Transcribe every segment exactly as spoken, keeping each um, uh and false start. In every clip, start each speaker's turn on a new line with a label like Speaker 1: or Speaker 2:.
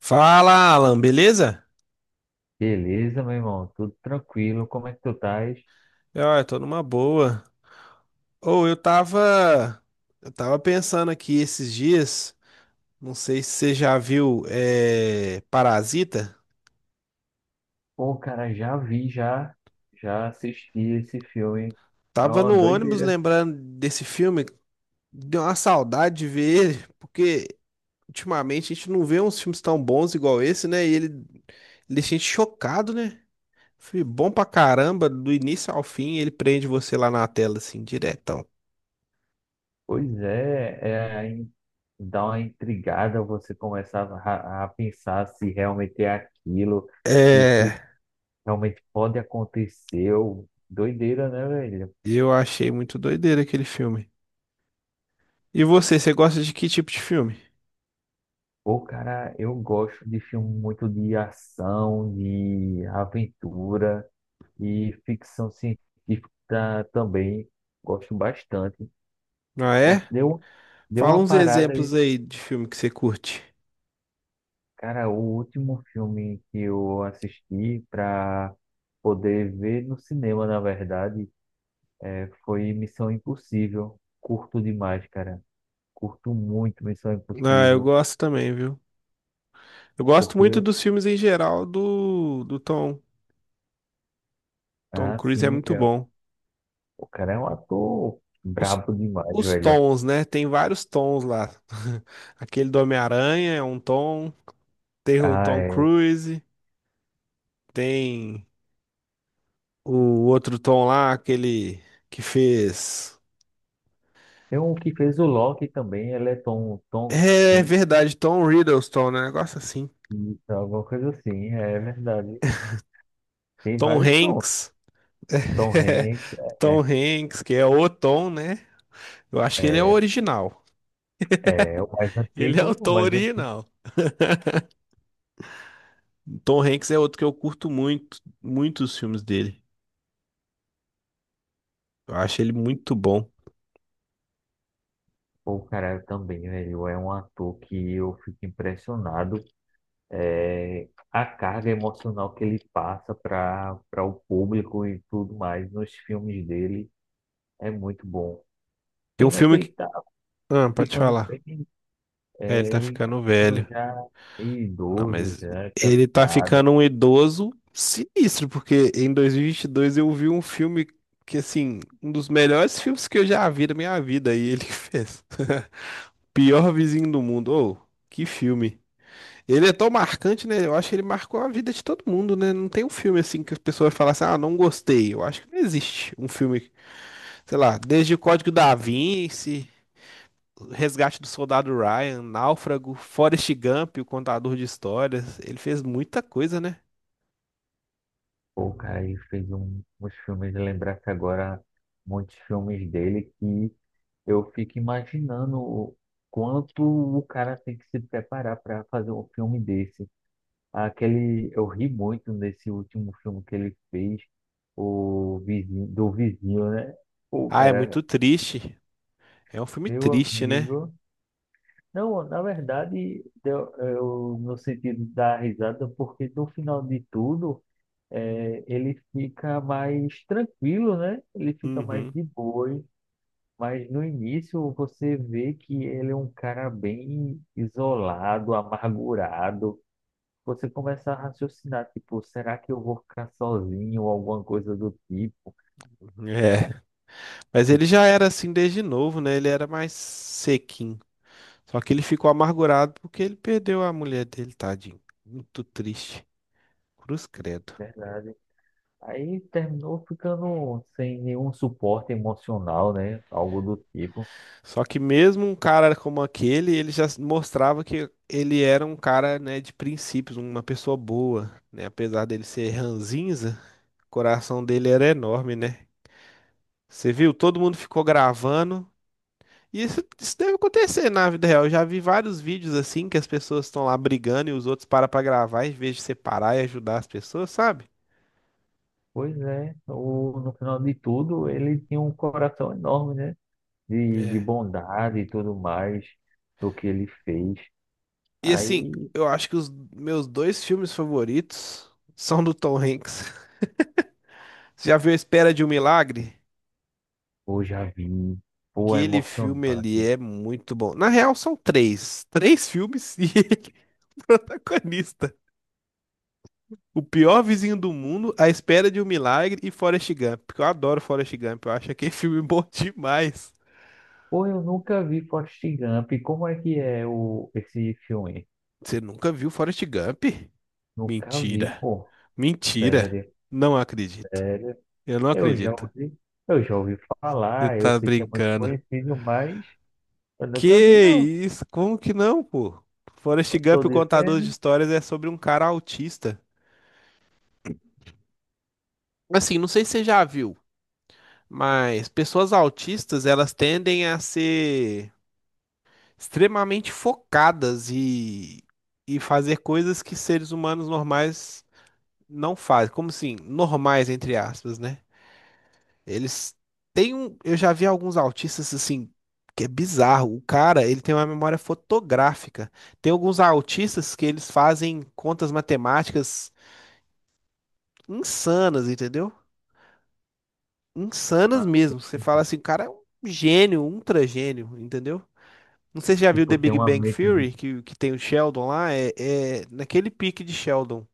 Speaker 1: Fala, Alan, beleza?
Speaker 2: Beleza, meu irmão, tudo tranquilo, como é que tu estás?
Speaker 1: Ah, eu tô numa boa. Ou eu tava, eu tava pensando aqui esses dias, não sei se você já viu é, Parasita.
Speaker 2: Pô, cara, já vi, já, já assisti esse filme, é
Speaker 1: Tava
Speaker 2: uma
Speaker 1: no ônibus
Speaker 2: doideira.
Speaker 1: lembrando desse filme, deu uma saudade de ver ele, porque ultimamente a gente não vê uns filmes tão bons igual esse, né? E ele, ele deixa a gente chocado, né? Foi bom pra caramba, do início ao fim, ele prende você lá na tela, assim, diretão.
Speaker 2: Pois é, é aí dá uma intrigada você começar a, a pensar se realmente é aquilo e se
Speaker 1: É,
Speaker 2: realmente pode acontecer. Ô, doideira, né, velho?
Speaker 1: eu achei muito doideira aquele filme. E você, você gosta de que tipo de filme?
Speaker 2: Pô, cara, eu gosto de filme muito de ação, de aventura. E ficção científica também gosto bastante.
Speaker 1: Ah,
Speaker 2: Então,
Speaker 1: é?
Speaker 2: Deu, deu
Speaker 1: Fala
Speaker 2: uma
Speaker 1: uns
Speaker 2: parada, e,
Speaker 1: exemplos aí de filme que você curte.
Speaker 2: cara, o último filme que eu assisti para poder ver no cinema, na verdade, é, foi Missão Impossível. Curto demais, cara. Curto muito Missão
Speaker 1: Ah, eu
Speaker 2: Impossível,
Speaker 1: gosto também, viu? Eu gosto muito
Speaker 2: porque,
Speaker 1: dos filmes em geral do, do Tom. Tom Cruise é
Speaker 2: assim,
Speaker 1: muito
Speaker 2: é,
Speaker 1: bom.
Speaker 2: o cara é um ator
Speaker 1: Os,
Speaker 2: brabo demais,
Speaker 1: os
Speaker 2: velho.
Speaker 1: tons, né? Tem vários tons lá. Aquele do Homem-Aranha é um tom. Tem o
Speaker 2: Ah,
Speaker 1: Tom
Speaker 2: é.
Speaker 1: Cruise. Tem o outro Tom lá, aquele que fez.
Speaker 2: Tem um que fez o Loki também, ele é Tom, Tom,
Speaker 1: É verdade, Tom Riddleston, né? Negócio assim.
Speaker 2: isso, alguma coisa assim, é verdade. Tem
Speaker 1: Tom
Speaker 2: vários tons.
Speaker 1: Hanks.
Speaker 2: Tom Hanks
Speaker 1: Tom
Speaker 2: é,
Speaker 1: Hanks, que é o Tom, né? Eu acho que ele é o
Speaker 2: é,
Speaker 1: original.
Speaker 2: é, é o mais
Speaker 1: Ele é o
Speaker 2: antigo, o
Speaker 1: Tom
Speaker 2: mais antigo.
Speaker 1: original. Tom Hanks é outro que eu curto muito, muitos filmes dele. Eu acho ele muito bom.
Speaker 2: Pô, caralho, também, velho, é um ator que eu fico impressionado. É, a carga emocional que ele passa para para o público e tudo mais nos filmes dele é muito bom.
Speaker 1: Tem um
Speaker 2: Pena que
Speaker 1: filme que.
Speaker 2: ele tá
Speaker 1: Ah, pode
Speaker 2: ficando
Speaker 1: falar.
Speaker 2: bem,
Speaker 1: É, ele
Speaker 2: é,
Speaker 1: tá
Speaker 2: ele tá
Speaker 1: ficando
Speaker 2: ficando
Speaker 1: velho.
Speaker 2: já
Speaker 1: Não,
Speaker 2: idoso,
Speaker 1: mas
Speaker 2: já
Speaker 1: ele tá
Speaker 2: cansado.
Speaker 1: ficando um idoso sinistro, porque em dois mil e vinte e dois eu vi um filme que, assim, um dos melhores filmes que eu já vi na minha vida, e ele fez. Pior Vizinho do Mundo. Ô, que filme. Ele é tão marcante, né? Eu acho que ele marcou a vida de todo mundo, né? Não tem um filme assim que as pessoas falam assim, ah, não gostei. Eu acho que não existe um filme, sei lá, desde o Código da Vinci, Resgate do Soldado Ryan, Náufrago, Forrest Gump, o contador de histórias. Ele fez muita coisa, né?
Speaker 2: Pô, o cara, ele fez um, uns filmes, lembrar que agora muitos filmes dele que eu fico imaginando o quanto o cara tem que se preparar para fazer um filme desse. Aquele, eu ri muito nesse último filme que ele fez, o vizinho, do vizinho, né? Pô,
Speaker 1: Ah, é
Speaker 2: cara,
Speaker 1: muito triste. É um filme
Speaker 2: meu
Speaker 1: triste, né?
Speaker 2: amigo. Não, na verdade, deu- eu, no sentido da risada, porque no final de tudo. É, ele fica mais tranquilo, né? Ele fica mais
Speaker 1: Uhum.
Speaker 2: de boas. Mas no início você vê que ele é um cara bem isolado, amargurado. Você começa a raciocinar, tipo, será que eu vou ficar sozinho ou alguma coisa do tipo?
Speaker 1: É. Mas
Speaker 2: E,
Speaker 1: ele já era assim desde novo, né? Ele era mais sequinho. Só que ele ficou amargurado porque ele perdeu a mulher dele, tadinho. Muito triste. Cruz credo.
Speaker 2: Verdade. Aí terminou ficando sem nenhum suporte emocional, né? Algo do tipo.
Speaker 1: Só que mesmo um cara como aquele, ele já mostrava que ele era um cara, né, de princípios, uma pessoa boa, né? Apesar dele ser ranzinza, o coração dele era enorme, né? Você viu? Todo mundo ficou gravando. E isso, isso deve acontecer na vida real. Eu já vi vários vídeos assim que as pessoas estão lá brigando e os outros param pra gravar em vez de separar e ajudar as pessoas, sabe?
Speaker 2: Pois é, o, no final de tudo, ele tinha um coração enorme, né? de, de
Speaker 1: É.
Speaker 2: bondade e tudo mais do que ele fez.
Speaker 1: E assim,
Speaker 2: Aí,
Speaker 1: eu acho que os meus dois filmes favoritos são do Tom Hanks. Você já viu A Espera de um Milagre?
Speaker 2: pô, já vi, pô, é
Speaker 1: Aquele filme ali
Speaker 2: emocionante.
Speaker 1: é muito bom. Na real, são três. Três filmes e ele é protagonista. O pior vizinho do mundo, A Espera de um Milagre e Forrest Gump. Porque eu adoro Forrest Gump. Eu acho aquele filme bom demais.
Speaker 2: Pô, eu nunca vi Forrest Gump. Como é que é o, esse filme?
Speaker 1: Você nunca viu Forrest Gump?
Speaker 2: Nunca vi,
Speaker 1: Mentira.
Speaker 2: pô.
Speaker 1: Mentira.
Speaker 2: Sério,
Speaker 1: Não acredito.
Speaker 2: sério.
Speaker 1: Eu não
Speaker 2: Eu já
Speaker 1: acredito.
Speaker 2: ouvi, eu já ouvi
Speaker 1: Você
Speaker 2: falar, eu
Speaker 1: tá
Speaker 2: sei que é muito
Speaker 1: brincando.
Speaker 2: conhecido, mas eu nunca vi,
Speaker 1: Que
Speaker 2: não.
Speaker 1: isso? Como que não, pô? Forrest
Speaker 2: Eu tô
Speaker 1: Gump, o contador de
Speaker 2: dizendo.
Speaker 1: histórias, é sobre um cara autista. Assim, não sei se você já viu, mas pessoas autistas, elas tendem a ser extremamente focadas e, e fazer coisas que seres humanos normais não fazem. Como assim, normais, entre aspas, né? Eles têm um. Eu já vi alguns autistas, assim, que é bizarro. O cara, ele tem uma memória fotográfica. Tem alguns autistas que eles fazem contas matemáticas insanas, entendeu? Insanas
Speaker 2: Ah, tô
Speaker 1: mesmo. Você fala
Speaker 2: dizendo.
Speaker 1: assim, o cara é um gênio, um ultra gênio, entendeu? Não sei se você já viu
Speaker 2: Tipo,
Speaker 1: The
Speaker 2: tem
Speaker 1: Big
Speaker 2: uma
Speaker 1: Bang
Speaker 2: mente de...
Speaker 1: Theory, que, que tem o Sheldon lá, é, é naquele pique de Sheldon.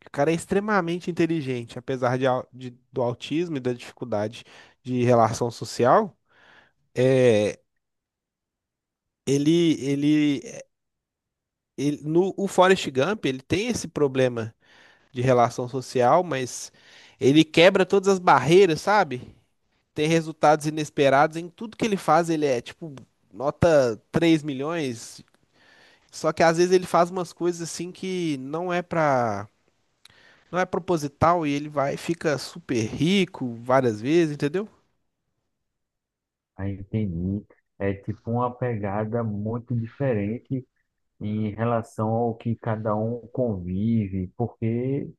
Speaker 1: Que o cara é extremamente inteligente, apesar de, au- de- do autismo e da dificuldade de relação social. É, ele, ele, ele- no o Forrest Gump, ele tem esse problema de relação social, mas ele quebra todas as barreiras, sabe? Tem resultados inesperados em tudo que ele faz, ele é tipo nota três milhões, só que às vezes ele faz umas coisas assim que não é pra, não é proposital e ele vai fica super rico várias vezes, entendeu?
Speaker 2: Ah, entendi. É tipo uma pegada muito diferente em relação ao que cada um convive, porque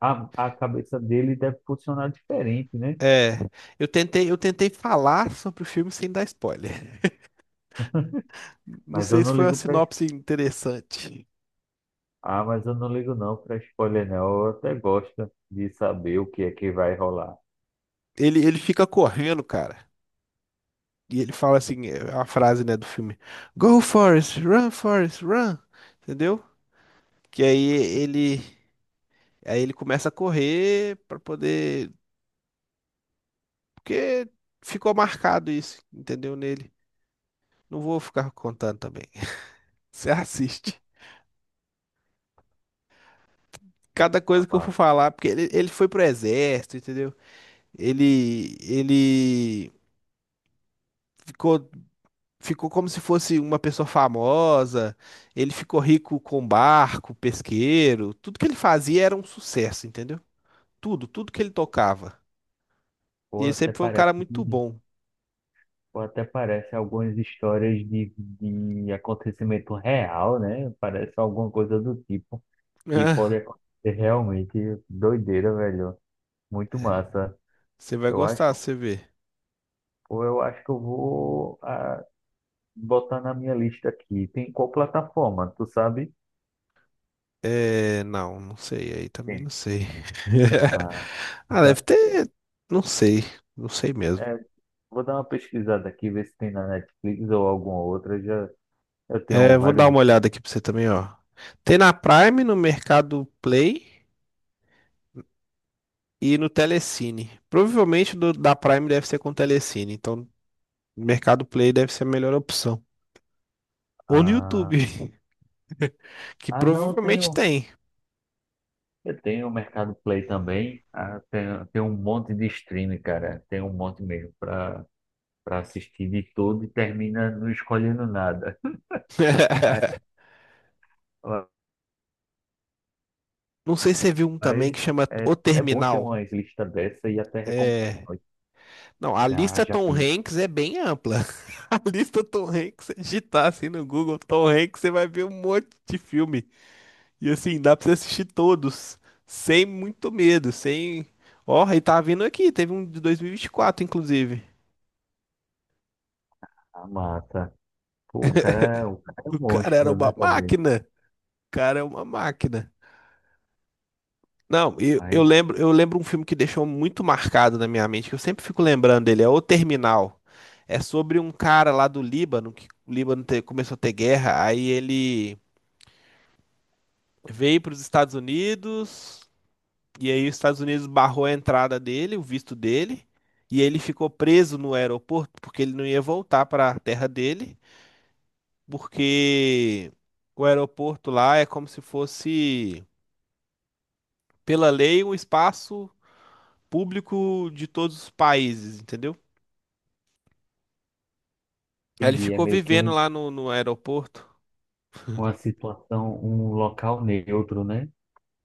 Speaker 2: a, a cabeça dele deve funcionar diferente, né?
Speaker 1: É, eu tentei, eu tentei falar sobre o filme sem dar spoiler. Não
Speaker 2: Mas eu
Speaker 1: sei se
Speaker 2: não
Speaker 1: foi uma
Speaker 2: ligo para
Speaker 1: sinopse interessante.
Speaker 2: ah, mas eu não ligo não para spoiler não. Eu até gosto de saber o que é que vai rolar.
Speaker 1: Ele, ele fica correndo, cara. E ele fala assim, é a frase, né, do filme. Go, Forrest, run, Forrest, run. Entendeu? Que aí ele Aí ele começa a correr pra poder. Porque ficou marcado isso, entendeu? Nele. Não vou ficar contando também. Você assiste. Cada
Speaker 2: Ah,
Speaker 1: coisa que eu for
Speaker 2: mas,
Speaker 1: falar, porque ele, ele foi pro exército, entendeu? Ele, ele ficou, ficou como se fosse uma pessoa famosa. Ele ficou rico com barco, pesqueiro. Tudo que ele fazia era um sucesso, entendeu? Tudo, tudo que ele tocava. E
Speaker 2: ou
Speaker 1: ele
Speaker 2: até
Speaker 1: sempre foi um
Speaker 2: parece
Speaker 1: cara muito
Speaker 2: que-
Speaker 1: bom.
Speaker 2: ou até parece algumas histórias de, de acontecimento real, né? Parece alguma coisa do tipo que pode
Speaker 1: Ah,
Speaker 2: acontecer realmente doideira, velho. Muito massa.
Speaker 1: você vai
Speaker 2: Eu
Speaker 1: gostar,
Speaker 2: acho
Speaker 1: você vê.
Speaker 2: Ou eu acho que eu vou ah, botar na minha lista aqui. Tem qual plataforma? Tu sabe?
Speaker 1: É, não, não sei, aí também
Speaker 2: tem
Speaker 1: não sei.
Speaker 2: Ah, vou
Speaker 1: Ah, deve
Speaker 2: dar
Speaker 1: ter, não sei, não sei mesmo.
Speaker 2: é, vou dar uma pesquisada aqui, ver se tem na Netflix ou alguma outra. Já, eu
Speaker 1: É,
Speaker 2: tenho
Speaker 1: vou dar
Speaker 2: vários.
Speaker 1: uma olhada aqui pra você também, ó. Tem na Prime, no Mercado Play e no Telecine. Provavelmente do, da Prime deve ser com Telecine, então Mercado Play deve ser a melhor opção. Ou no
Speaker 2: Ah,
Speaker 1: YouTube, que
Speaker 2: ah, não, eu
Speaker 1: provavelmente
Speaker 2: tenho.
Speaker 1: tem.
Speaker 2: Eu tenho o Mercado Play também. Ah, tem, tem um monte de streaming, cara. Tem um monte mesmo para para assistir de tudo e termina não escolhendo nada. Ah,
Speaker 1: Não sei se você viu um também
Speaker 2: Mas
Speaker 1: que chama O
Speaker 2: é, é bom ter
Speaker 1: Terminal.
Speaker 2: uma lista dessa e até recomendar.
Speaker 1: É. Não, a
Speaker 2: Já,
Speaker 1: lista
Speaker 2: já
Speaker 1: Tom
Speaker 2: vi.
Speaker 1: Hanks é bem ampla. A lista Tom Hanks, você digitar assim no Google Tom Hanks, você vai ver um monte de filme. E assim, dá pra você assistir todos, sem muito medo, sem. Ó, e tá vindo aqui, teve um de dois mil e vinte e quatro, inclusive.
Speaker 2: A massa. Pô, o cara, o cara é um
Speaker 1: O cara era
Speaker 2: monstro, né,
Speaker 1: uma
Speaker 2: também.
Speaker 1: máquina. O cara é uma máquina. Não, eu, eu
Speaker 2: Mas
Speaker 1: lembro, eu lembro um filme que deixou muito marcado na minha mente, que eu sempre fico lembrando dele, é O Terminal. É sobre um cara lá do Líbano, que o Líbano te- começou a ter guerra, aí ele veio para os Estados Unidos, e aí os Estados Unidos barrou a entrada dele, o visto dele, e ele ficou preso no aeroporto porque ele não ia voltar para a terra dele, porque o aeroporto lá é como se fosse, pela lei, um espaço público de todos os países, entendeu? Aí ele
Speaker 2: entendi, é
Speaker 1: ficou
Speaker 2: meio que
Speaker 1: vivendo
Speaker 2: um,
Speaker 1: lá no, no aeroporto,
Speaker 2: uma situação, um local neutro, né?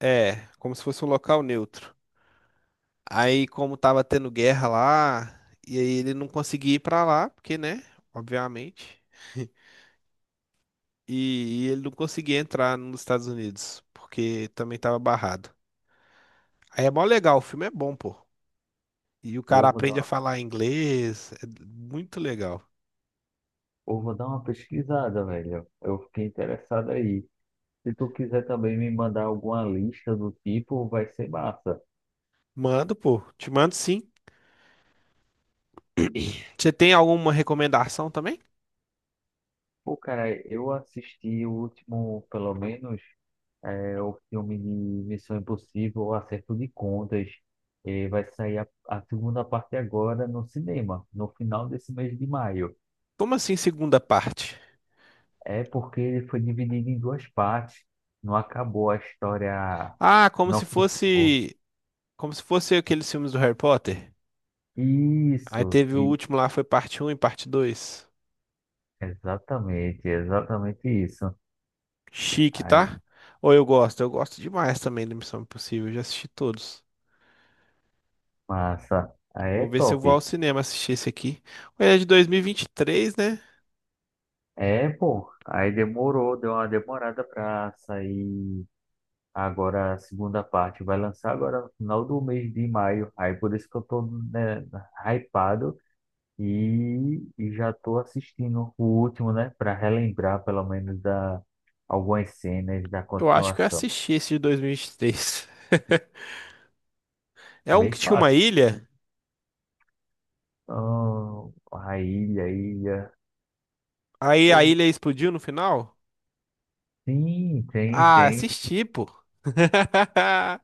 Speaker 1: é, como se fosse um local neutro. Aí, como tava tendo guerra lá, e aí ele não conseguia ir pra lá, porque, né, obviamente. E, e ele não conseguia entrar nos Estados Unidos, porque também tava barrado. Aí é mó legal, o filme é bom, pô. E o
Speaker 2: Pô,
Speaker 1: cara
Speaker 2: vou dar
Speaker 1: aprende a
Speaker 2: uma,
Speaker 1: falar inglês, é muito legal.
Speaker 2: pô, vou dar uma pesquisada, velho. Eu fiquei interessado aí. Se tu quiser também me mandar alguma lista do tipo, vai ser massa.
Speaker 1: Mando, pô, te mando sim. Você tem alguma recomendação também?
Speaker 2: Pô, cara, eu assisti o último, pelo menos, é, o filme de Missão Impossível, o Acerto de Contas. E vai sair a, a segunda parte agora no cinema, no final desse mês de maio.
Speaker 1: Como assim segunda parte?
Speaker 2: É porque ele foi dividido em duas partes. Não acabou a história,
Speaker 1: Ah, como
Speaker 2: não
Speaker 1: se
Speaker 2: acabou.
Speaker 1: fosse, como se fosse aqueles filmes do Harry Potter. Aí
Speaker 2: Isso,
Speaker 1: teve o
Speaker 2: e-
Speaker 1: último lá, foi parte um e parte dois.
Speaker 2: exatamente, exatamente isso.
Speaker 1: Chique,
Speaker 2: Aí,
Speaker 1: tá? Ou eu gosto, eu gosto demais também da Missão Impossível, eu já assisti todos.
Speaker 2: massa. Aí é
Speaker 1: Vou ver se eu vou ao
Speaker 2: top.
Speaker 1: cinema assistir esse aqui. Ele é de dois mil e vinte e três, né?
Speaker 2: É, pô, aí demorou, deu uma demorada pra sair agora a segunda parte. Vai lançar agora no final do mês de maio. Aí por isso que eu tô, né, hypado e, e já tô assistindo o último, né, pra relembrar pelo menos da algumas cenas da
Speaker 1: Eu acho que eu
Speaker 2: continuação.
Speaker 1: assisti esse de dois mil e e vinte e três. É um
Speaker 2: Bem
Speaker 1: que tinha uma
Speaker 2: fácil.
Speaker 1: ilha,
Speaker 2: Ah, a ilha, a ilha.
Speaker 1: aí a
Speaker 2: Pô,
Speaker 1: ilha explodiu no final?
Speaker 2: sim, tem,
Speaker 1: Ah,
Speaker 2: tem.
Speaker 1: assisti, pô.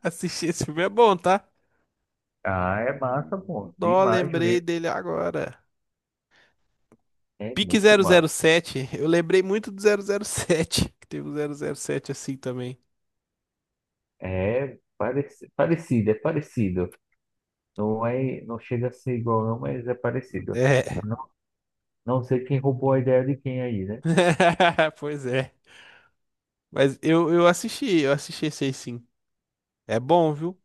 Speaker 1: Assisti, esse filme é bom, tá?
Speaker 2: Ah, é massa, pô,
Speaker 1: Só
Speaker 2: demais
Speaker 1: lembrei
Speaker 2: mesmo.
Speaker 1: dele agora.
Speaker 2: É
Speaker 1: Pique
Speaker 2: muito
Speaker 1: zero zero
Speaker 2: massa.
Speaker 1: sete. Eu lembrei muito do zero zero sete. Que teve um zero zero sete assim também.
Speaker 2: É pareci- parecido, é parecido. Não é, não chega a ser igual, não, mas é parecido.
Speaker 1: É,
Speaker 2: Não, não sei quem roubou a ideia de quem aí, né?
Speaker 1: pois é. Mas eu, eu assisti, eu assisti esse aí sim. É bom, viu?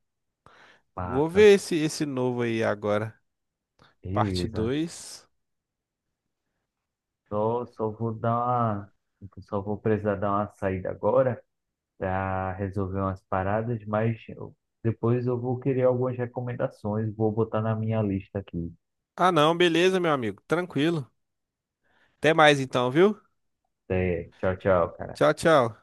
Speaker 1: Vou
Speaker 2: Massa,
Speaker 1: ver esse, esse novo aí agora. Parte
Speaker 2: beleza.
Speaker 1: dois.
Speaker 2: Só, só vou dar uma, só vou precisar dar uma saída agora para resolver umas paradas, mas eu- depois eu vou querer algumas recomendações, vou botar na minha lista aqui.
Speaker 1: Ah, não, beleza, meu amigo. Tranquilo. Até mais então, viu?
Speaker 2: Até, tchau, tchau, cara.
Speaker 1: Tchau, tchau.